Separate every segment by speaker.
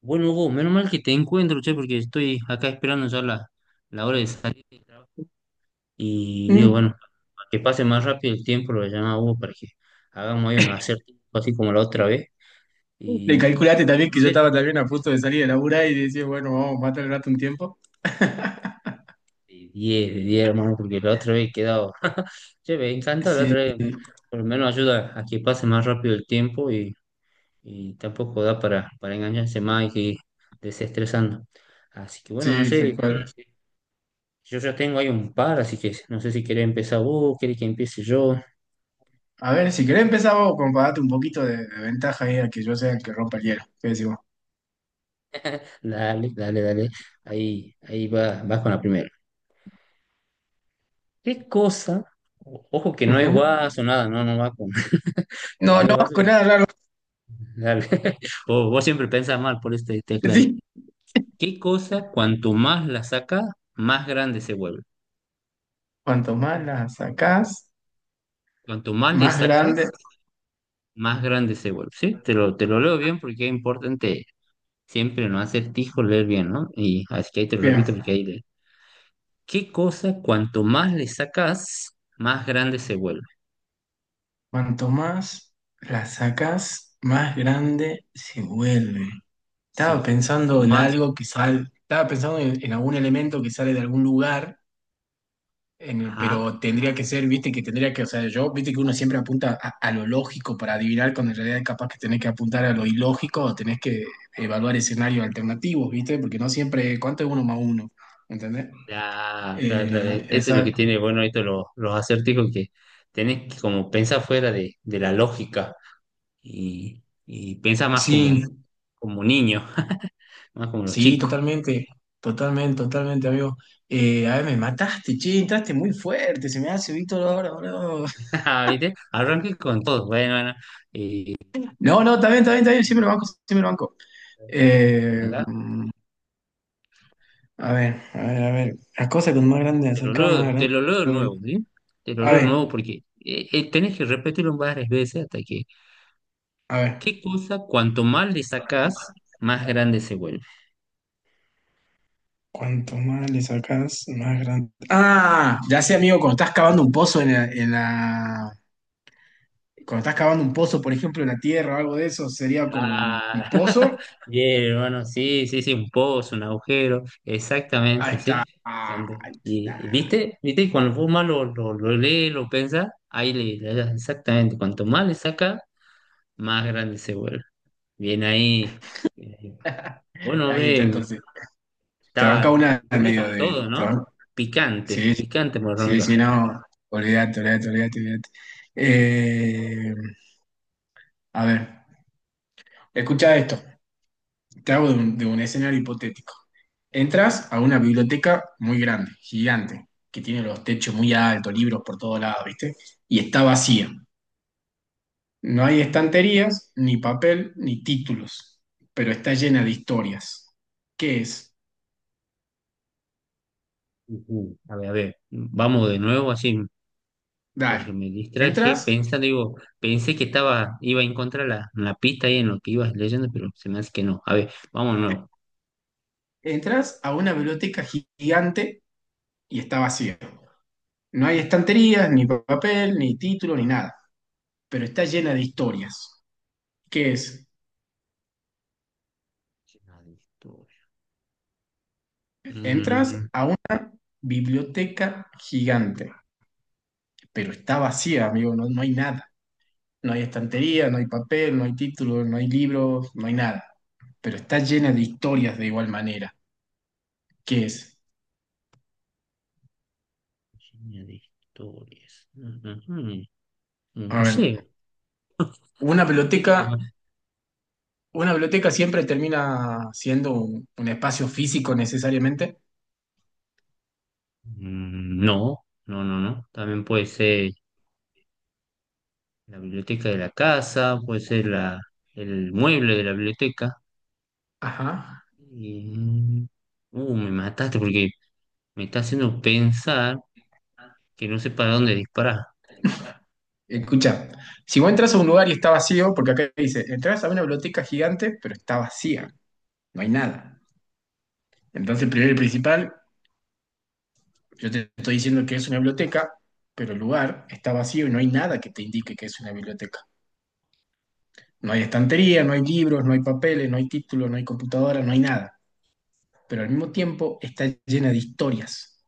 Speaker 1: Bueno, Hugo, menos mal que te encuentro, che, porque estoy acá esperando ya la hora de salir del trabajo. Y digo,
Speaker 2: Mm.
Speaker 1: bueno, para que pase más rápido el tiempo, lo voy a llamar a Hugo para que hagamos ahí un acertijo así como la otra vez.
Speaker 2: Le
Speaker 1: Y
Speaker 2: calculaste también que
Speaker 1: no
Speaker 2: yo
Speaker 1: sé,
Speaker 2: estaba también a punto de salir de laburar y decía, bueno, vamos a matar el rato un tiempo.
Speaker 1: de 10 hermano, porque la otra vez he quedado. Che, me encanta la
Speaker 2: Sí,
Speaker 1: otra vez. Por lo menos ayuda a que pase más rápido el tiempo y tampoco da para engañarse más y que ir desestresando. Así que bueno, no
Speaker 2: sí, tal
Speaker 1: sé,
Speaker 2: cual.
Speaker 1: yo ya tengo ahí un par, así que no sé si querés empezar vos, querés que empiece yo.
Speaker 2: A ver, si querés empezar vos con para darte un poquito de ventaja ahí a que yo sea el que rompa el hielo. ¿Qué decís vos?
Speaker 1: Dale, dale, dale. Ahí va, vas con la primera. ¿Qué cosa? Ojo que no es
Speaker 2: Ujú.
Speaker 1: guaso, nada, no, no va con.
Speaker 2: No,
Speaker 1: No es
Speaker 2: no,
Speaker 1: guaso.
Speaker 2: con nada largo.
Speaker 1: Dale. O vos siempre pensás mal, por eso te aclaro.
Speaker 2: Sí.
Speaker 1: ¿Qué cosa, cuanto más la sacas, más grande se vuelve?
Speaker 2: Cuanto más las sacás,
Speaker 1: Cuanto más le
Speaker 2: más grande.
Speaker 1: sacas, más grande se vuelve. ¿Sí? Te lo leo bien porque es importante siempre no acertijo leer bien, ¿no? Y así que ahí te lo
Speaker 2: Bien,
Speaker 1: repito porque ahí ¿qué cosa cuanto más le sacas, más grande se vuelve?
Speaker 2: cuanto más las sacás, más grande se vuelve. Estaba
Speaker 1: Sí, cuanto
Speaker 2: pensando en
Speaker 1: más...
Speaker 2: algo que sale, estaba pensando en algún elemento que sale de algún lugar.
Speaker 1: Ah,
Speaker 2: Pero tendría que ser, viste, que tendría que, o sea, yo, viste que uno siempre apunta a lo lógico para adivinar, cuando en realidad capaz que tenés que apuntar a lo ilógico o tenés que evaluar escenarios alternativos, viste, porque no siempre, ¿cuánto es uno más uno? ¿Entendés?
Speaker 1: claro, claro, claro.
Speaker 2: Eh,
Speaker 1: Esto es lo
Speaker 2: esa,
Speaker 1: que tiene, bueno, esto los acertijos que tenés que como pensar fuera de la lógica y pensar más como,
Speaker 2: sí,
Speaker 1: como niño, más como los
Speaker 2: sí,
Speaker 1: chicos.
Speaker 2: totalmente, totalmente, totalmente, amigo. A ver, me mataste, che, entraste muy fuerte, se me hace Víctor ahora, boludo.
Speaker 1: Ah, ¿viste? Arranqué con todo, bueno, bueno. Y,
Speaker 2: No, no, está bien, está bien, está bien, siempre lo banco, siempre lo banco. Eh,
Speaker 1: acá,
Speaker 2: A ver, a ver, a ver. La cosa con más grande la
Speaker 1: Te lo
Speaker 2: sacas, más
Speaker 1: leo, te
Speaker 2: grande.
Speaker 1: lo leo de nuevo, ¿sí? Te lo
Speaker 2: A
Speaker 1: leo de
Speaker 2: ver,
Speaker 1: nuevo porque tenés que repetirlo varias veces hasta que
Speaker 2: a ver.
Speaker 1: ¿qué cosa cuanto más le sacas, más grande se vuelve?
Speaker 2: Cuanto más le sacas, más grande. Ah, ya sé, amigo, cuando estás cavando un pozo en la, cuando estás cavando un pozo, por ejemplo, en la tierra o algo de eso, sería como un
Speaker 1: Ah,
Speaker 2: pozo.
Speaker 1: bien, hermano, sí, sí, sí, un pozo, un agujero, exactamente,
Speaker 2: Ahí
Speaker 1: sí.
Speaker 2: está.
Speaker 1: Cuando,
Speaker 2: Ahí
Speaker 1: y,
Speaker 2: está.
Speaker 1: y viste, viste, y cuando vos más lo lees, lo pensás, ahí le das exactamente, cuanto más le sacas, más grande se vuelve. Bien ahí. Eh, Bueno,
Speaker 2: Ahí está
Speaker 1: ve,
Speaker 2: entonces. Te banca
Speaker 1: está,
Speaker 2: una en
Speaker 1: empecé
Speaker 2: medio
Speaker 1: con
Speaker 2: de.
Speaker 1: todo, ¿no? Picante,
Speaker 2: Sí, sí,
Speaker 1: picante,
Speaker 2: sí,
Speaker 1: morronca.
Speaker 2: sí, no. Olvídate, olvídate, olvídate, olvídate. Eh, a ver, escucha esto. Te hago de un escenario hipotético. Entras a una biblioteca muy grande, gigante, que tiene los techos muy altos, libros por todos lados, ¿viste? Y está vacía. No hay estanterías, ni papel, ni títulos, pero está llena de historias. ¿Qué es?
Speaker 1: Ujú. A ver, vamos de nuevo así porque
Speaker 2: Dar.
Speaker 1: me distraje
Speaker 2: Entras,
Speaker 1: pensando, digo, pensé que estaba, iba a encontrar la pista ahí en lo que ibas leyendo, pero se me hace que no. A ver, vamos de nuevo.
Speaker 2: entras a una biblioteca gigante y está vacía. No hay estanterías, ni papel, ni título, ni nada, pero está llena de historias. ¿Qué es?
Speaker 1: Llena de historia. Mm,
Speaker 2: Entras a biblioteca gigante, pero está vacía, amigo, no, no hay nada. No hay estantería, no hay papel, no hay títulos, no hay libros, no hay nada. Pero está llena de historias de igual manera. ¿Qué es?
Speaker 1: llena de historias. Ujú. Un
Speaker 2: A ver,
Speaker 1: museo.
Speaker 2: una
Speaker 1: Dice que
Speaker 2: biblioteca,
Speaker 1: más.
Speaker 2: una biblioteca siempre termina siendo un espacio físico necesariamente.
Speaker 1: Mm, no, no, no, no. También puede ser la biblioteca de la casa, puede ser el mueble de la biblioteca.
Speaker 2: Ajá.
Speaker 1: Y, me mataste porque me está haciendo pensar que no sé para dónde disparar.
Speaker 2: Escucha, si vos entras a un lugar y está vacío, porque acá dice, entras a una biblioteca gigante, pero está vacía, no hay nada. Entonces, primero y principal, yo te estoy diciendo que es una biblioteca, pero el lugar está vacío y no hay nada que te indique que es una biblioteca. No hay estantería, no hay libros, no hay papeles, no hay títulos, no hay computadora, no hay nada. Pero al mismo tiempo está llena de historias.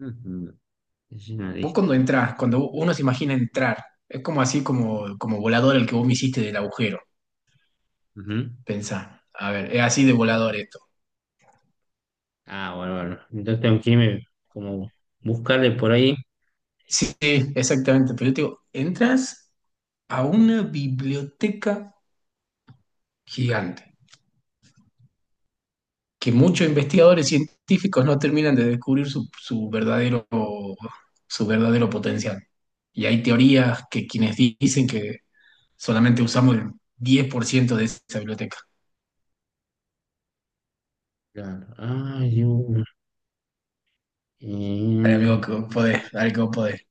Speaker 1: Ujú. Ah,
Speaker 2: Vos
Speaker 1: listo.
Speaker 2: cuando entras, cuando uno se imagina entrar, es como así como, como volador el que vos me hiciste del agujero.
Speaker 1: Ujú.
Speaker 2: Pensá, a ver, es así de volador esto.
Speaker 1: Ah, bueno, bueno. Entonces tengo que irme como buscarle por ahí.
Speaker 2: Sí, sí, exactamente. Pero yo te digo, entras a una biblioteca gigante. Que muchos investigadores científicos no terminan de descubrir su, su verdadero potencial. Y hay teorías que quienes dicen que solamente usamos el 10% de esa biblioteca.
Speaker 1: Claro. Ay, una.
Speaker 2: Ay,
Speaker 1: Eh,
Speaker 2: amigo, que vos podés, dale que vos podés.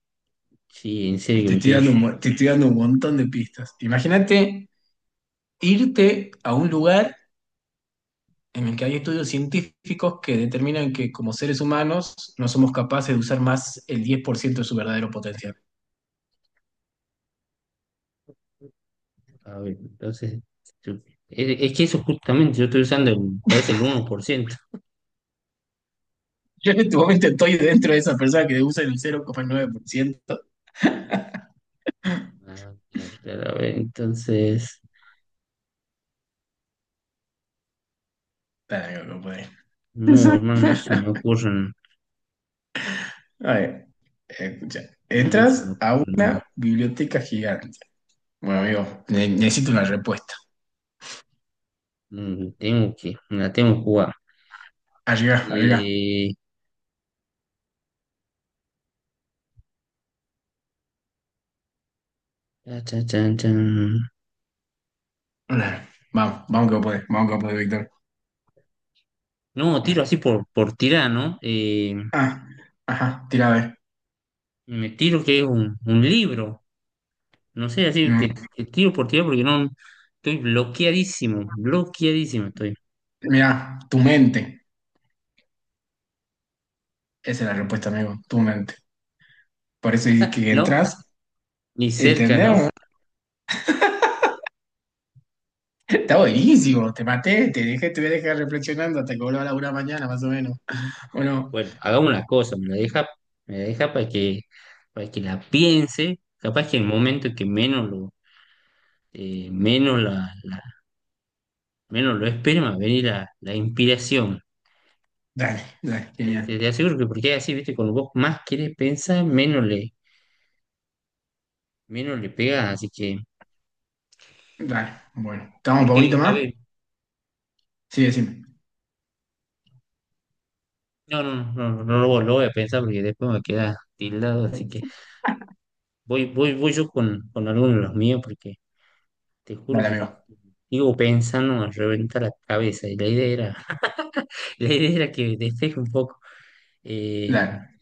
Speaker 1: sí, en serio que
Speaker 2: Te
Speaker 1: me
Speaker 2: estoy
Speaker 1: estoy.
Speaker 2: dando un, te estoy dando un montón de pistas. Imagínate irte a un lugar en el que hay estudios científicos que determinan que como seres humanos no somos capaces de usar más el 10% de su verdadero potencial.
Speaker 1: A ver, entonces. yo- es que eso justamente yo estoy usando, parece el 1%.
Speaker 2: Yo en este momento estoy dentro de esa persona que usa el 0,9%.
Speaker 1: Ah, claro, claro, a ver, entonces.
Speaker 2: Dale, no puede.
Speaker 1: No, hermano, no se me ocurren.
Speaker 2: A ver, escucha.
Speaker 1: No, no se me
Speaker 2: Entras a
Speaker 1: ocurre nada.
Speaker 2: una biblioteca gigante. Bueno, amigo, necesito una respuesta.
Speaker 1: Mm, tengo que, me la tengo que jugar.
Speaker 2: Arriba, arriba.
Speaker 1: Eh, cha, cha, chan, chan.
Speaker 2: Vamos, vamos que vos podés, vamos que vos podés, Víctor.
Speaker 1: No, tiro así por tirar, ¿no?
Speaker 2: Ah, ajá, tira a ver.
Speaker 1: Me tiro que es un libro. No sé, así
Speaker 2: Mm.
Speaker 1: te, te tiro por tirar porque no estoy bloqueadísimo, bloqueadísimo estoy.
Speaker 2: Mira, tu mente. Esa es la respuesta, amigo, tu mente. Por eso es que
Speaker 1: No,
Speaker 2: entras,
Speaker 1: ni cerca,
Speaker 2: ¿entendés?
Speaker 1: ¿no?
Speaker 2: Está buenísimo, te maté, te dejé, te voy a dejar reflexionando hasta que vuelva a la una mañana, más o menos. Bueno,
Speaker 1: Bueno, hagamos una cosa, me la deja para que la piense. Capaz que en el momento que menos lo, menos la, menos lo espere, me va a venir la inspiración.
Speaker 2: dale, dale, genial.
Speaker 1: Te aseguro que porque es así, viste, cuando vos más querés pensar, menos le pegás, así que.
Speaker 2: Dale, bueno. ¿Estamos para
Speaker 1: Porque,
Speaker 2: bonito
Speaker 1: a
Speaker 2: más?
Speaker 1: ver,
Speaker 2: Sí, decime.
Speaker 1: no, no, no, no, no lo, lo voy a pensar porque después me queda tildado, así que voy yo con alguno de los míos porque te juro
Speaker 2: Dale,
Speaker 1: que
Speaker 2: amigo.
Speaker 1: digo pensando me reventa la cabeza y la idea era, la idea era que despeje un poco. Eh,
Speaker 2: Dale.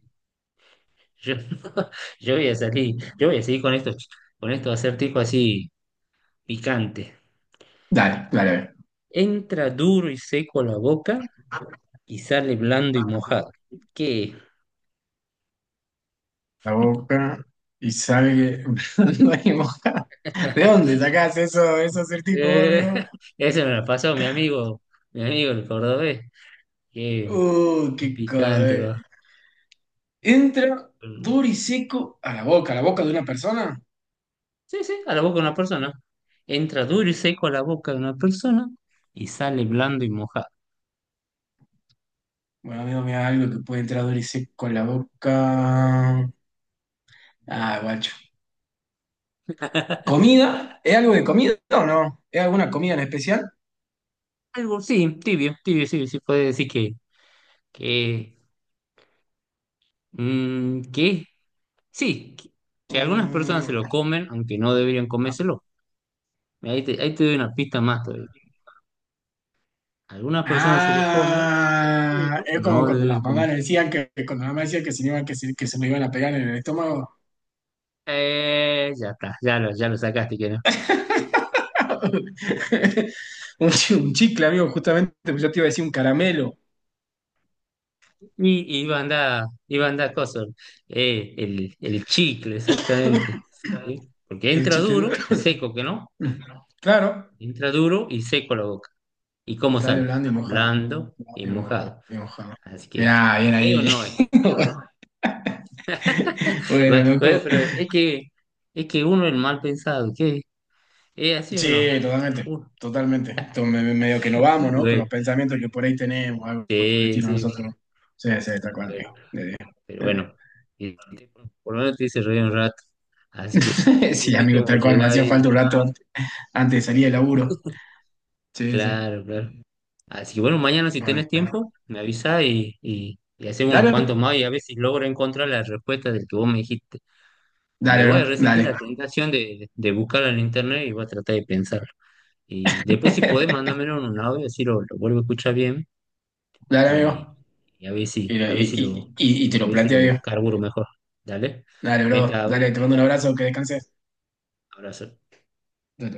Speaker 1: yo, yo voy a salir, yo voy a seguir con estos acertijos así picantes.
Speaker 2: Dale, dale, a ver.
Speaker 1: Entra duro y seco a la boca y sale blando y mojado. ¿Qué?
Speaker 2: La boca y sale no hay mojada. ¿De dónde sacás eso, esos acertijos, vos,
Speaker 1: Eh,
Speaker 2: amigo?
Speaker 1: ese me lo pasó mi amigo el cordobés que
Speaker 2: Qué
Speaker 1: es picante,
Speaker 2: cordel.
Speaker 1: va.
Speaker 2: Entra
Speaker 1: Mm.
Speaker 2: duro y seco a la boca de una persona.
Speaker 1: Sí, sí, a la boca de una persona. Entra duro y seco a la boca de una persona y sale blando y mojado.
Speaker 2: Bueno, amigo, mira algo que puede entrar duro y seco a la boca. Ah, guacho. ¿Comida? ¿Es algo de comida o no? ¿Es alguna comida en especial?
Speaker 1: Algo, sí, tibio, tibio, sí, sí, puede decir que, que, sí, que algunas personas se
Speaker 2: Mm,
Speaker 1: lo comen, aunque no deberían comérselo. Ahí te doy una pista más todavía. Algunas personas se lo comen,
Speaker 2: ah,
Speaker 1: pero
Speaker 2: es como
Speaker 1: no
Speaker 2: cuando
Speaker 1: deberían
Speaker 2: las mamás
Speaker 1: comerse.
Speaker 2: nos decían que cuando la mamá decía que se, que, se, que se lo iban a pegar en el estómago.
Speaker 1: Ya está, ya lo sacaste, que no.
Speaker 2: Un, un chicle, amigo, justamente, pues yo te iba a decir un caramelo.
Speaker 1: Y banda cosas el chicle, exactamente. ¿Sí? Porque
Speaker 2: El
Speaker 1: entra
Speaker 2: chicle.
Speaker 1: duro y seco, que no.
Speaker 2: Claro,
Speaker 1: Entra duro y seco la boca. ¿Y
Speaker 2: y
Speaker 1: cómo
Speaker 2: sale
Speaker 1: sale?
Speaker 2: blando y mojado.
Speaker 1: Blando y mojado. Así que,
Speaker 2: Mira, bien
Speaker 1: ¿es o
Speaker 2: ahí.
Speaker 1: no es? Bueno,
Speaker 2: Bueno,
Speaker 1: bueno,
Speaker 2: loco.
Speaker 1: pero es que uno es el mal pensado, ¿qué? ¿Es así o no?
Speaker 2: Sí, totalmente,
Speaker 1: Uh,
Speaker 2: totalmente. Entonces, medio que nos vamos, ¿no? Con los
Speaker 1: bueno,
Speaker 2: pensamientos que por ahí tenemos, algo por el
Speaker 1: sí,
Speaker 2: estilo
Speaker 1: sí,
Speaker 2: nosotros. Sí, sí, tal cual, amigo.
Speaker 1: bueno, pero bueno, y- por lo menos te hice reír un rato. Así que bueno,
Speaker 2: Sí, amigo,
Speaker 1: justito
Speaker 2: tal cual. Me
Speaker 1: llega
Speaker 2: hacía
Speaker 1: ahí.
Speaker 2: falta un rato antes, antes de salir del laburo. Sí, sí.
Speaker 1: Claro, claro. Así que bueno, mañana si tenés
Speaker 2: Bueno, bueno.
Speaker 1: tiempo, me avisa y hacemos unos cuantos
Speaker 2: Dale,
Speaker 1: más y a ver si logro encontrar la respuesta del que vos me dijiste. Me
Speaker 2: dale,
Speaker 1: voy a
Speaker 2: bro,
Speaker 1: resistir
Speaker 2: dale.
Speaker 1: la tentación de buscarla en internet y voy a tratar de pensarlo. Y después si podés, mándamelo en un audio, así lo vuelvo a escuchar bien
Speaker 2: Dale,
Speaker 1: y,
Speaker 2: amigo.
Speaker 1: y a ver si,
Speaker 2: Y te
Speaker 1: a
Speaker 2: lo
Speaker 1: ver si
Speaker 2: planteo
Speaker 1: lo
Speaker 2: yo.
Speaker 1: carburo mejor. Dale.
Speaker 2: Dale, bro,
Speaker 1: Meta, vos,
Speaker 2: dale, te mando un abrazo, que descanses.
Speaker 1: abrazo.
Speaker 2: Dale.